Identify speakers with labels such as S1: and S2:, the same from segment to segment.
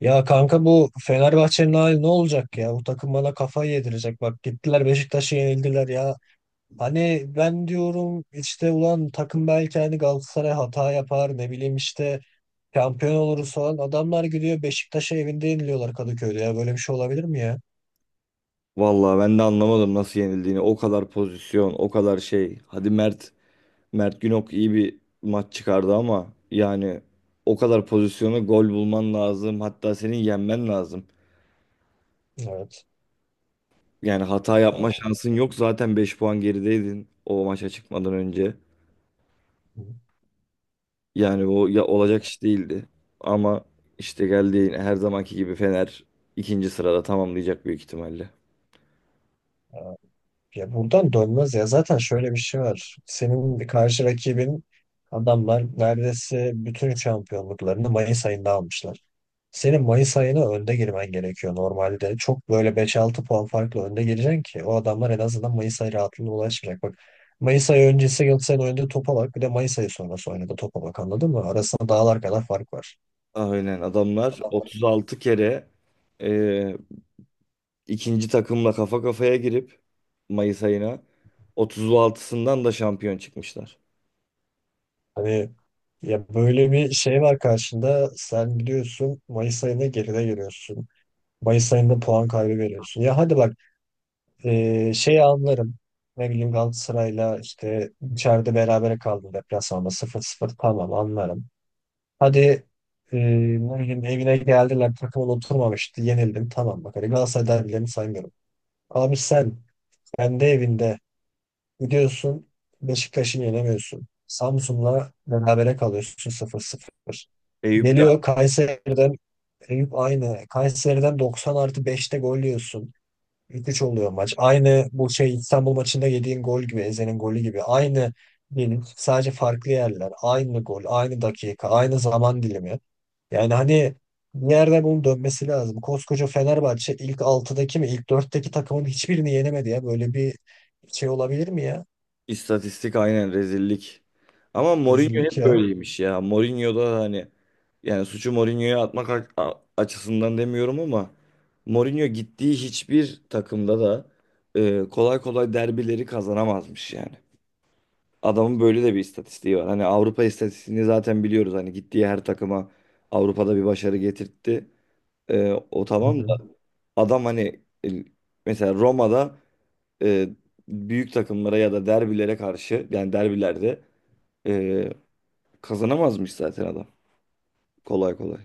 S1: Ya kanka bu Fenerbahçe'nin hali ne olacak ya? Bu takım bana kafayı yedirecek. Bak gittiler Beşiktaş'a yenildiler ya. Hani ben diyorum işte ulan takım belki hani Galatasaray hata yapar ne bileyim işte şampiyon oluruz falan. Adamlar gidiyor Beşiktaş'a evinde yeniliyorlar Kadıköy'de ya. Böyle bir şey olabilir mi ya?
S2: Vallahi ben de anlamadım nasıl yenildiğini. O kadar pozisyon, o kadar şey. Hadi Mert Günok iyi bir maç çıkardı, ama yani o kadar pozisyonu gol bulman lazım. Hatta senin yenmen lazım.
S1: Evet.
S2: Yani hata yapma
S1: Tamam.
S2: şansın yok. Zaten 5 puan gerideydin o maça çıkmadan önce. Yani o ya olacak iş değildi. Ama işte geldi yine her zamanki gibi Fener ikinci sırada tamamlayacak büyük ihtimalle.
S1: Ya buradan dönmez ya. Zaten şöyle bir şey var. Senin karşı rakibin adamlar neredeyse bütün şampiyonluklarını Mayıs ayında almışlar. Senin Mayıs ayına önde girmen gerekiyor normalde. Çok böyle beş altı puan farklı önde gireceksin ki o adamlar en azından Mayıs ayı rahatlığına ulaşmayacak. Bak Mayıs ayı öncesi Galatasaray'ın oynadığı topa bak. Bir de Mayıs ayı sonrası oynadığı topa bak anladın mı? Arasında dağlar kadar fark var.
S2: Aynen, adamlar
S1: Adamlar
S2: 36 kere ikinci takımla kafa kafaya girip Mayıs ayına 36'sından da şampiyon çıkmışlar.
S1: hani ya böyle bir şey var karşında. Sen gidiyorsun Mayıs ayına geride giriyorsun. Mayıs ayında puan kaybı veriyorsun. Ya hadi bak şeyi anlarım. Ne bileyim Galatasaray'la işte içeride berabere kaldı, deplasmanda sıfır sıfır, tamam anlarım. Hadi ne bileyim evine geldiler, takımın oturmamıştı, yenildin tamam, bak hadi Galatasaray derbilerini saymıyorum. Abi sen kendi evinde gidiyorsun Beşiktaş'ı yenemiyorsun. Samsun'la berabere kalıyorsun sıfır, 0.
S2: Eyüp de.
S1: Geliyor Kayseri'den. Eyüp aynı. Kayseri'den 90 artı beşte gol yiyorsun. 3-3 oluyor maç. Aynı bu şey İstanbul maçında yediğin gol gibi, Eze'nin golü gibi. Aynı değil, sadece farklı yerler, aynı gol, aynı dakika, aynı zaman dilimi. Yani hani bir yerde bunun dönmesi lazım. Koskoca Fenerbahçe ilk 6'daki mi, ilk dörtteki takımın hiçbirini yenemedi ya. Böyle bir şey olabilir mi ya?
S2: İstatistik aynen rezillik. Ama Mourinho
S1: Rezillik
S2: hep
S1: ya.
S2: böyleymiş ya. Mourinho da hani yani suçu Mourinho'ya atmak açısından demiyorum, ama Mourinho gittiği hiçbir takımda da kolay kolay derbileri kazanamazmış yani. Adamın böyle de bir istatistiği var. Hani Avrupa istatistiğini zaten biliyoruz. Hani gittiği her takıma Avrupa'da bir başarı getirtti. E, o
S1: Hı
S2: tamam
S1: hı.
S2: da. Adam hani mesela Roma'da, e, büyük takımlara ya da derbilere karşı, yani derbilerde e, kazanamazmış zaten adam. Kolay kolay.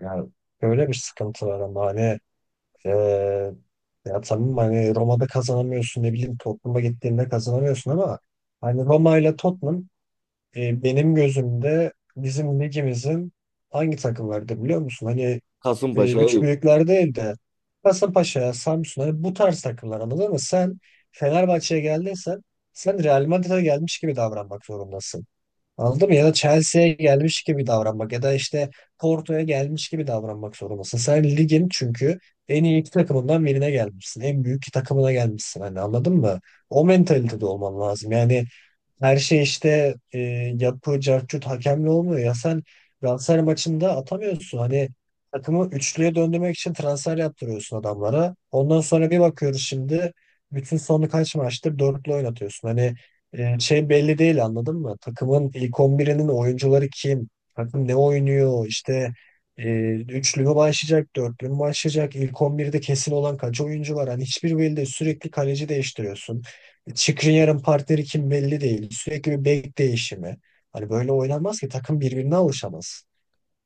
S1: Yani böyle bir sıkıntı var ama hani eee, ya tamam, hani Roma'da kazanamıyorsun, ne bileyim Tottenham'a gittiğinde kazanamıyorsun ama hani Roma ile Tottenham. E, benim gözümde bizim ligimizin hangi takımlardı biliyor musun? Hani üç
S2: Kasımpaşa'yı.
S1: büyükler değil de Kasımpaşa, Samsun, hani bu tarz takımlar anladın mı? Sen Fenerbahçe'ye geldiysen sen Real Madrid'e gelmiş gibi davranmak zorundasın. Anladın mı? Ya da Chelsea'ye gelmiş gibi davranmak, ya da işte Porto'ya gelmiş gibi davranmak zorundasın. Sen ligin çünkü en iyi iki takımından birine gelmişsin. En büyük iki takımına gelmişsin. Hani anladın mı? O mentalitede olman lazım. Yani her şey işte yapı, cartçut, hakemle olmuyor. Ya sen transfer maçında atamıyorsun. Hani takımı üçlüye döndürmek için transfer yaptırıyorsun adamlara. Ondan sonra bir bakıyoruz, şimdi bütün sonu kaç maçtır dörtlü oynatıyorsun. Hani şey belli değil, anladın mı? Takımın ilk 11'inin oyuncuları kim? Takım ne oynuyor? İşte e, üçlü mü başlayacak, dörtlü mü başlayacak? İlk 11'de kesin olan kaç oyuncu var? Hani hiçbir belli değil. Sürekli kaleci değiştiriyorsun. Skriniar'ın partneri kim belli değil. Sürekli bir bek değişimi. Hani böyle oynanmaz ki, takım birbirine alışamaz.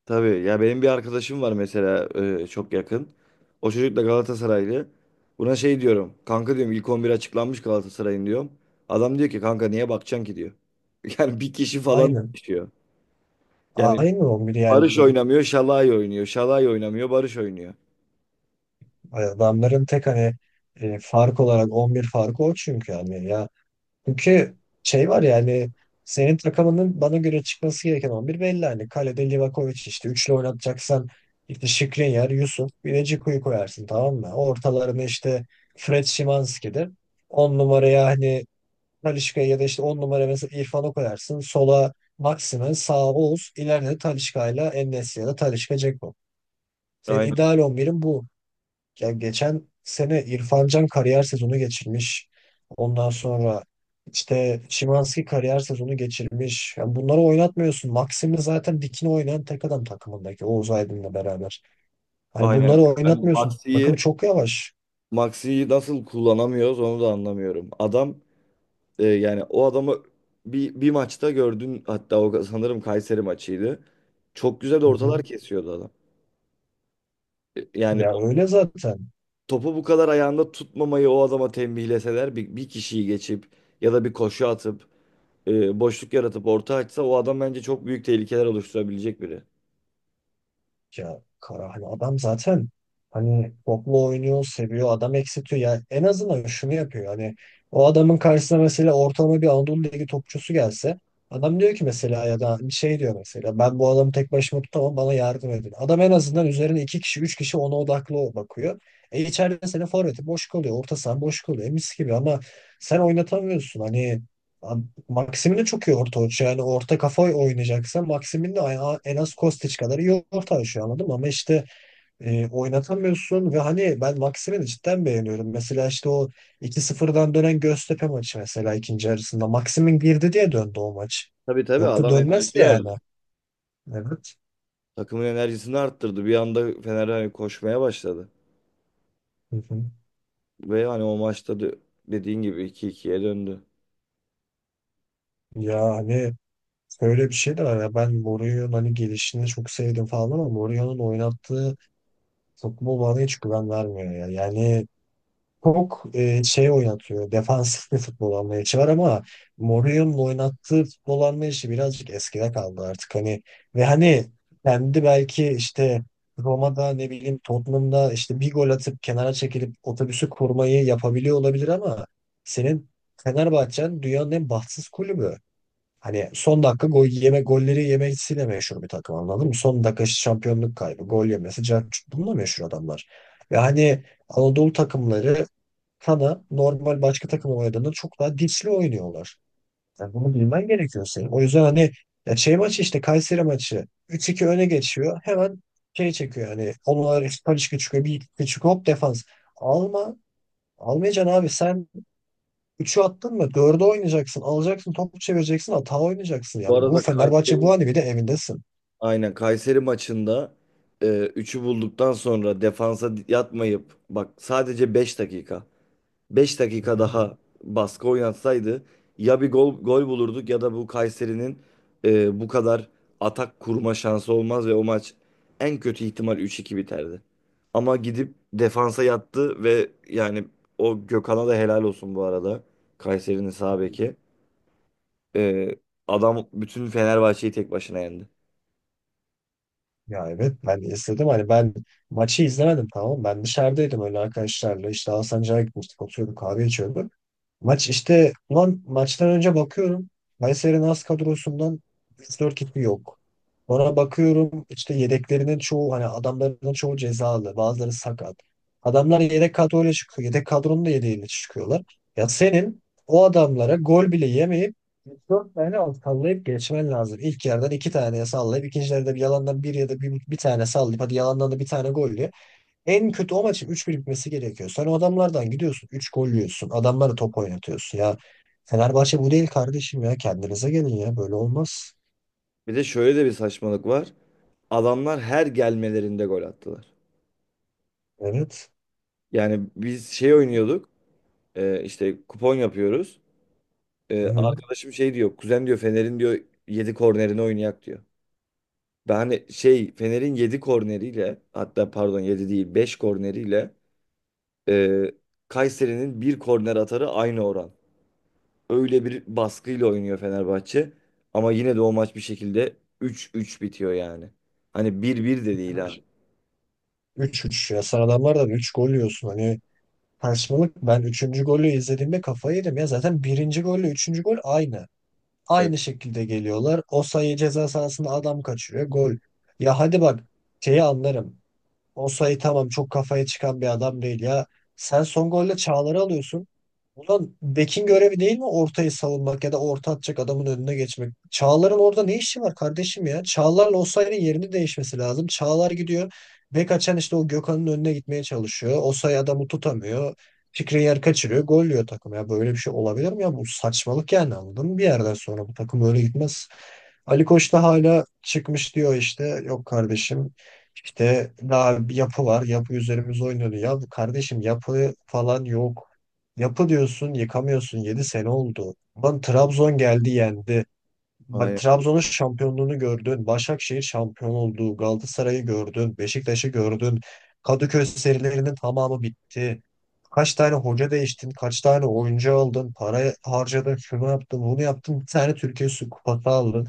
S2: Tabii ya, benim bir arkadaşım var mesela, çok yakın. O çocuk da Galatasaraylı. Buna şey diyorum. Kanka diyorum, ilk 11 açıklanmış Galatasaray'ın diyorum. Adam diyor ki kanka niye bakacaksın ki diyor. Yani bir kişi falan
S1: Aynen.
S2: düşüyor. Yani
S1: Aynı 11 yani.
S2: Barış oynamıyor, Şalay oynuyor. Şalay oynamıyor, Barış oynuyor.
S1: Adamların tek hani fark olarak 11 farkı o, çünkü yani ya. Çünkü şey var yani, senin takımının bana göre çıkması gereken 11 belli. Hani kalede Livakovic, işte üçlü oynatacaksan işte Skriniar, Yusuf, bir de Džeku'yu koyarsın, tamam mı? Ortalarına işte Fred, Szymanski'dir. 10 numaraya hani Talisca'ya, ya da işte 10 numara mesela İrfan'ı koyarsın. Sola Maximen, sağa Oğuz, ileride de Talisca ile, en ya da Talisca Dzeko. Senin
S2: Aynen,
S1: ideal 11'in bu. Ya geçen sene İrfan Can kariyer sezonu geçirmiş. Ondan sonra işte Szymański kariyer sezonu geçirmiş. Yani bunları oynatmıyorsun. Maximin zaten dikine oynayan tek adam takımındaki, Oğuz Aydın'la beraber. Hani
S2: aynen.
S1: bunları
S2: Yani
S1: oynatmıyorsun. Bakım
S2: Maxi'yi
S1: çok yavaş.
S2: Maxi'yi nasıl kullanamıyoruz onu da anlamıyorum. Adam yani o adamı bir maçta gördün, hatta o sanırım Kayseri maçıydı. Çok güzel
S1: Hı
S2: ortalar
S1: hı.
S2: kesiyordu adam. Yani
S1: Ya
S2: o
S1: öyle zaten.
S2: topu bu kadar ayağında tutmamayı o adama tembihleseler bir kişiyi geçip ya da bir koşu atıp boşluk yaratıp orta açsa o adam bence çok büyük tehlikeler oluşturabilecek biri.
S1: Ya Kara, hani adam zaten hani toplu oynuyor, seviyor, adam eksiltiyor. Yani en azından şunu yapıyor. Hani o adamın karşısına mesela ortalama bir Anadolu Ligi topçusu gelse, adam diyor ki mesela, ya da şey diyor mesela, ben bu adamı tek başıma tutamam bana yardım edin. Adam en azından üzerine iki kişi, üç kişi ona odaklı bakıyor. E, içeride senin forveti boş kalıyor, orta sahan boş kalıyor. E mis gibi, ama sen oynatamıyorsun. Hani Maxim'in de çok iyi orta oyuncu. Yani orta kafa oynayacaksa, Maxim'in de en az Kostić kadar iyi orta oyuncu, anladın mı? Ama işte oynatamıyorsun, ve hani ben Maxim'i de cidden beğeniyorum. Mesela işte o 2-0'dan dönen Göztepe maçı, mesela ikinci yarısında Maxim'in girdi diye döndü o maç.
S2: Tabii tabii
S1: Yoksa
S2: adam enerji
S1: dönmezdi yani.
S2: verdi.
S1: Evet.
S2: Takımın enerjisini arttırdı. Bir anda Fener hani koşmaya başladı.
S1: Hı hı.
S2: Ve hani o maçta dediğin gibi 2-2'ye döndü.
S1: Ya hani böyle bir şey de var ya. Ben Mourinho'nun hani gelişini çok sevdim falan, ama Mourinho'nun oynattığı futbol bana hiç güven vermiyor ya. Yani çok şey oynatıyor. Defansif bir futbol anlayışı var, ama Mourinho'nun oynattığı futbol anlayışı birazcık eskide kaldı artık. Hani, ve hani kendi belki işte Roma'da, ne bileyim Tottenham'da işte bir gol atıp kenara çekilip otobüsü kurmayı yapabiliyor olabilir, ama senin Fenerbahçe'n dünyanın en bahtsız kulübü. Hani son dakika gol yeme, golleri yemesiyle meşhur bir takım, anladın mı? Son dakika işte şampiyonluk kaybı, gol yemesi, bununla meşhur adamlar. Ve hani Anadolu takımları Kana normal başka takım oynadığında çok daha dişli oynuyorlar. Yani bunu bilmen gerekiyor senin. O yüzden hani ya şey maçı, işte Kayseri maçı 3-2 öne geçiyor. Hemen şey çekiyor yani, onlar işte Talisca çıkıyor. Bir iki çıkıyor, hop defans. Alma. Almayacaksın abi, sen üçü attın mı 4'ü oynayacaksın. Alacaksın topu çevireceksin, hata oynayacaksın. Ya
S2: Bu
S1: bu
S2: arada
S1: Fenerbahçe bu,
S2: Kayseri,
S1: hani bir de evindesin.
S2: aynen Kayseri maçında üçü bulduktan sonra defansa yatmayıp, bak sadece 5 dakika, Beş
S1: Hı
S2: dakika
S1: hı.
S2: daha baskı oynatsaydı ya bir gol, bulurduk, ya da bu Kayseri'nin bu kadar atak kurma şansı olmaz ve o maç en kötü ihtimal 3-2 biterdi. Ama gidip defansa yattı ve yani o Gökhan'a da helal olsun bu arada. Kayseri'nin sağ beki. E, adam bütün Fenerbahçe'yi tek başına yendi.
S1: Ya evet, ben istedim, hani ben maçı izlemedim, tamam ben dışarıdaydım, öyle arkadaşlarla işte Hasan Cağ'a gitmiştik, oturuyorduk kahve içiyorduk. Maç işte, ulan maçtan önce bakıyorum. Kayseri'nin az kadrosundan 3-4 kişi yok. Sonra bakıyorum işte yedeklerinin çoğu, hani adamların çoğu cezalı. Bazıları sakat. Adamlar yedek kadroyla çıkıyor. Yedek kadronun da yedeğiyle çıkıyorlar. Ya senin o adamlara gol bile yemeyip üç dört tane al sallayıp geçmen lazım. İlk yerden iki taneye sallayıp, ikinci yerde bir yalandan bir, ya da bir tane sallayıp hadi yalandan da bir tane gol, en kötü o maçın üç 1 bitmesi gerekiyor. Sen o adamlardan gidiyorsun, 3 gol yiyorsun. Adamlara top oynatıyorsun. Ya Fenerbahçe bu değil kardeşim ya. Kendinize gelin ya. Böyle olmaz.
S2: Bir de şöyle de bir saçmalık var. Adamlar her gelmelerinde gol attılar.
S1: Evet.
S2: Yani biz şey oynuyorduk, işte kupon yapıyoruz. Ee,
S1: Hı-hı.
S2: arkadaşım şey diyor. Kuzen diyor Fener'in diyor 7 kornerini oynayak diyor. Ben hani şey Fener'in 7 korneriyle, hatta pardon 7 değil 5 korneriyle e, Kayseri'nin bir korner atarı aynı oran. Öyle bir baskıyla oynuyor Fenerbahçe. Ama yine de o maç bir şekilde 3-3 bitiyor yani. Hani 1-1 de değil, ha.
S1: 3-3 ya. Sen adamlardan 3 gol yiyorsun. Hani saçmalık. Ben üçüncü golü izlediğimde kafayı yedim ya. Zaten birinci golle üçüncü gol aynı.
S2: Evet,
S1: Aynı şekilde geliyorlar. O sayı ceza sahasında adam kaçırıyor. Gol. Ya hadi bak şeyi anlarım. Osayi tamam, çok kafaya çıkan bir adam değil ya. Sen son golle Çağlar'ı alıyorsun. Ulan bekin görevi değil mi ortayı savunmak ya da orta atacak adamın önüne geçmek? Çağlar'ın orada ne işi var kardeşim ya? Çağlar'la Osayi'nin yerini değişmesi lazım. Çağlar gidiyor. Bek açan işte o Gökhan'ın önüne gitmeye çalışıyor. Osayi adamı tutamıyor. Fikri yer kaçırıyor. Gol yiyor takım ya. Böyle bir şey olabilir mi ya? Bu saçmalık yani, anladın mı? Bir yerden sonra bu takım öyle gitmez. Ali Koç da hala çıkmış diyor işte. Yok kardeşim, işte daha bir yapı var, yapı üzerimize oynuyordu. Ya bu kardeşim, yapı falan yok. Yapı diyorsun yıkamıyorsun. 7 sene oldu. Lan Trabzon geldi yendi. Bak
S2: aynen.
S1: Trabzon'un şampiyonluğunu gördün. Başakşehir şampiyon oldu. Galatasaray'ı gördün. Beşiktaş'ı gördün. Kadıköy serilerinin tamamı bitti. Kaç tane hoca değiştin? Kaç tane oyuncu aldın? Para harcadın. Şunu yaptın. Bunu yaptın. Bir tane Türkiye Su Kupası aldın.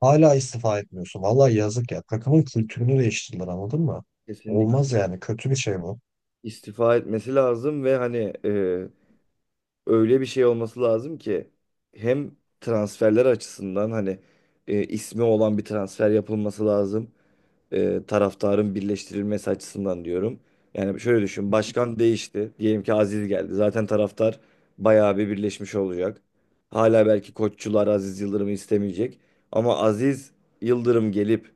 S1: Hala istifa etmiyorsun. Vallahi yazık ya. Takımın kültürünü değiştirdiler, anladın mı?
S2: Kesinlikle
S1: Olmaz yani. Kötü bir şey bu.
S2: istifa etmesi lazım, ve hani e, öyle bir şey olması lazım ki, hem transferler açısından hani ismi olan bir transfer yapılması lazım. E, taraftarın birleştirilmesi açısından diyorum. Yani şöyle düşün, başkan değişti. Diyelim ki Aziz geldi. Zaten taraftar bayağı bir birleşmiş olacak. Hala belki koççular Aziz Yıldırım'ı istemeyecek. Ama Aziz Yıldırım gelip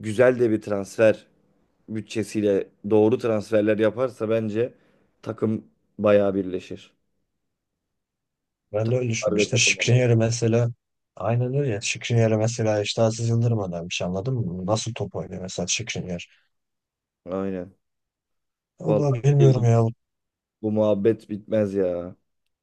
S2: güzel de bir transfer bütçesiyle doğru transferler yaparsa bence takım bayağı birleşir.
S1: Ben de öyle düşünüyorum.
S2: Taraftar ve
S1: İşte
S2: takım olarak.
S1: Şikriyar'ı mesela, aynen öyle ya. Şikriyar'ı mesela işte Aziz Yıldırım önermiş, anladın mı? Nasıl top oynuyor mesela Şikriyar?
S2: Aynen. Vallahi
S1: Vallahi bilmiyorum
S2: bilmiyorum.
S1: ya.
S2: Bu muhabbet bitmez ya.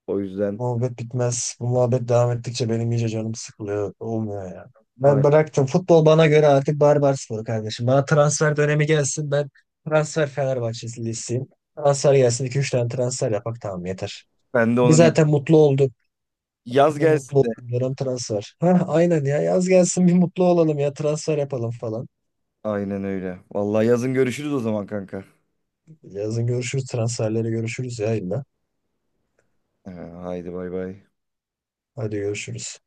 S2: O yüzden
S1: Muhabbet bitmez. Bu muhabbet devam ettikçe benim iyice canım sıkılıyor. Olmuyor ya. Ben
S2: aynen.
S1: bıraktım. Futbol bana göre artık barbar sporu kardeşim. Bana transfer dönemi gelsin. Ben transfer Fenerbahçelisiyim. Transfer gelsin. İki üç tane transfer yapak tamam yeter.
S2: Ben de
S1: Biz
S2: onu değil.
S1: zaten mutlu olduk.
S2: Yaz
S1: Ne mutlu
S2: gelsin de.
S1: oldum, dönem transfer. Ha, aynen ya, yaz gelsin bir mutlu olalım ya, transfer yapalım falan.
S2: Aynen öyle. Vallahi yazın görüşürüz o zaman, kanka.
S1: Yazın görüşürüz, transferleri görüşürüz ya illa.
S2: Haydi bay bay.
S1: Hadi görüşürüz.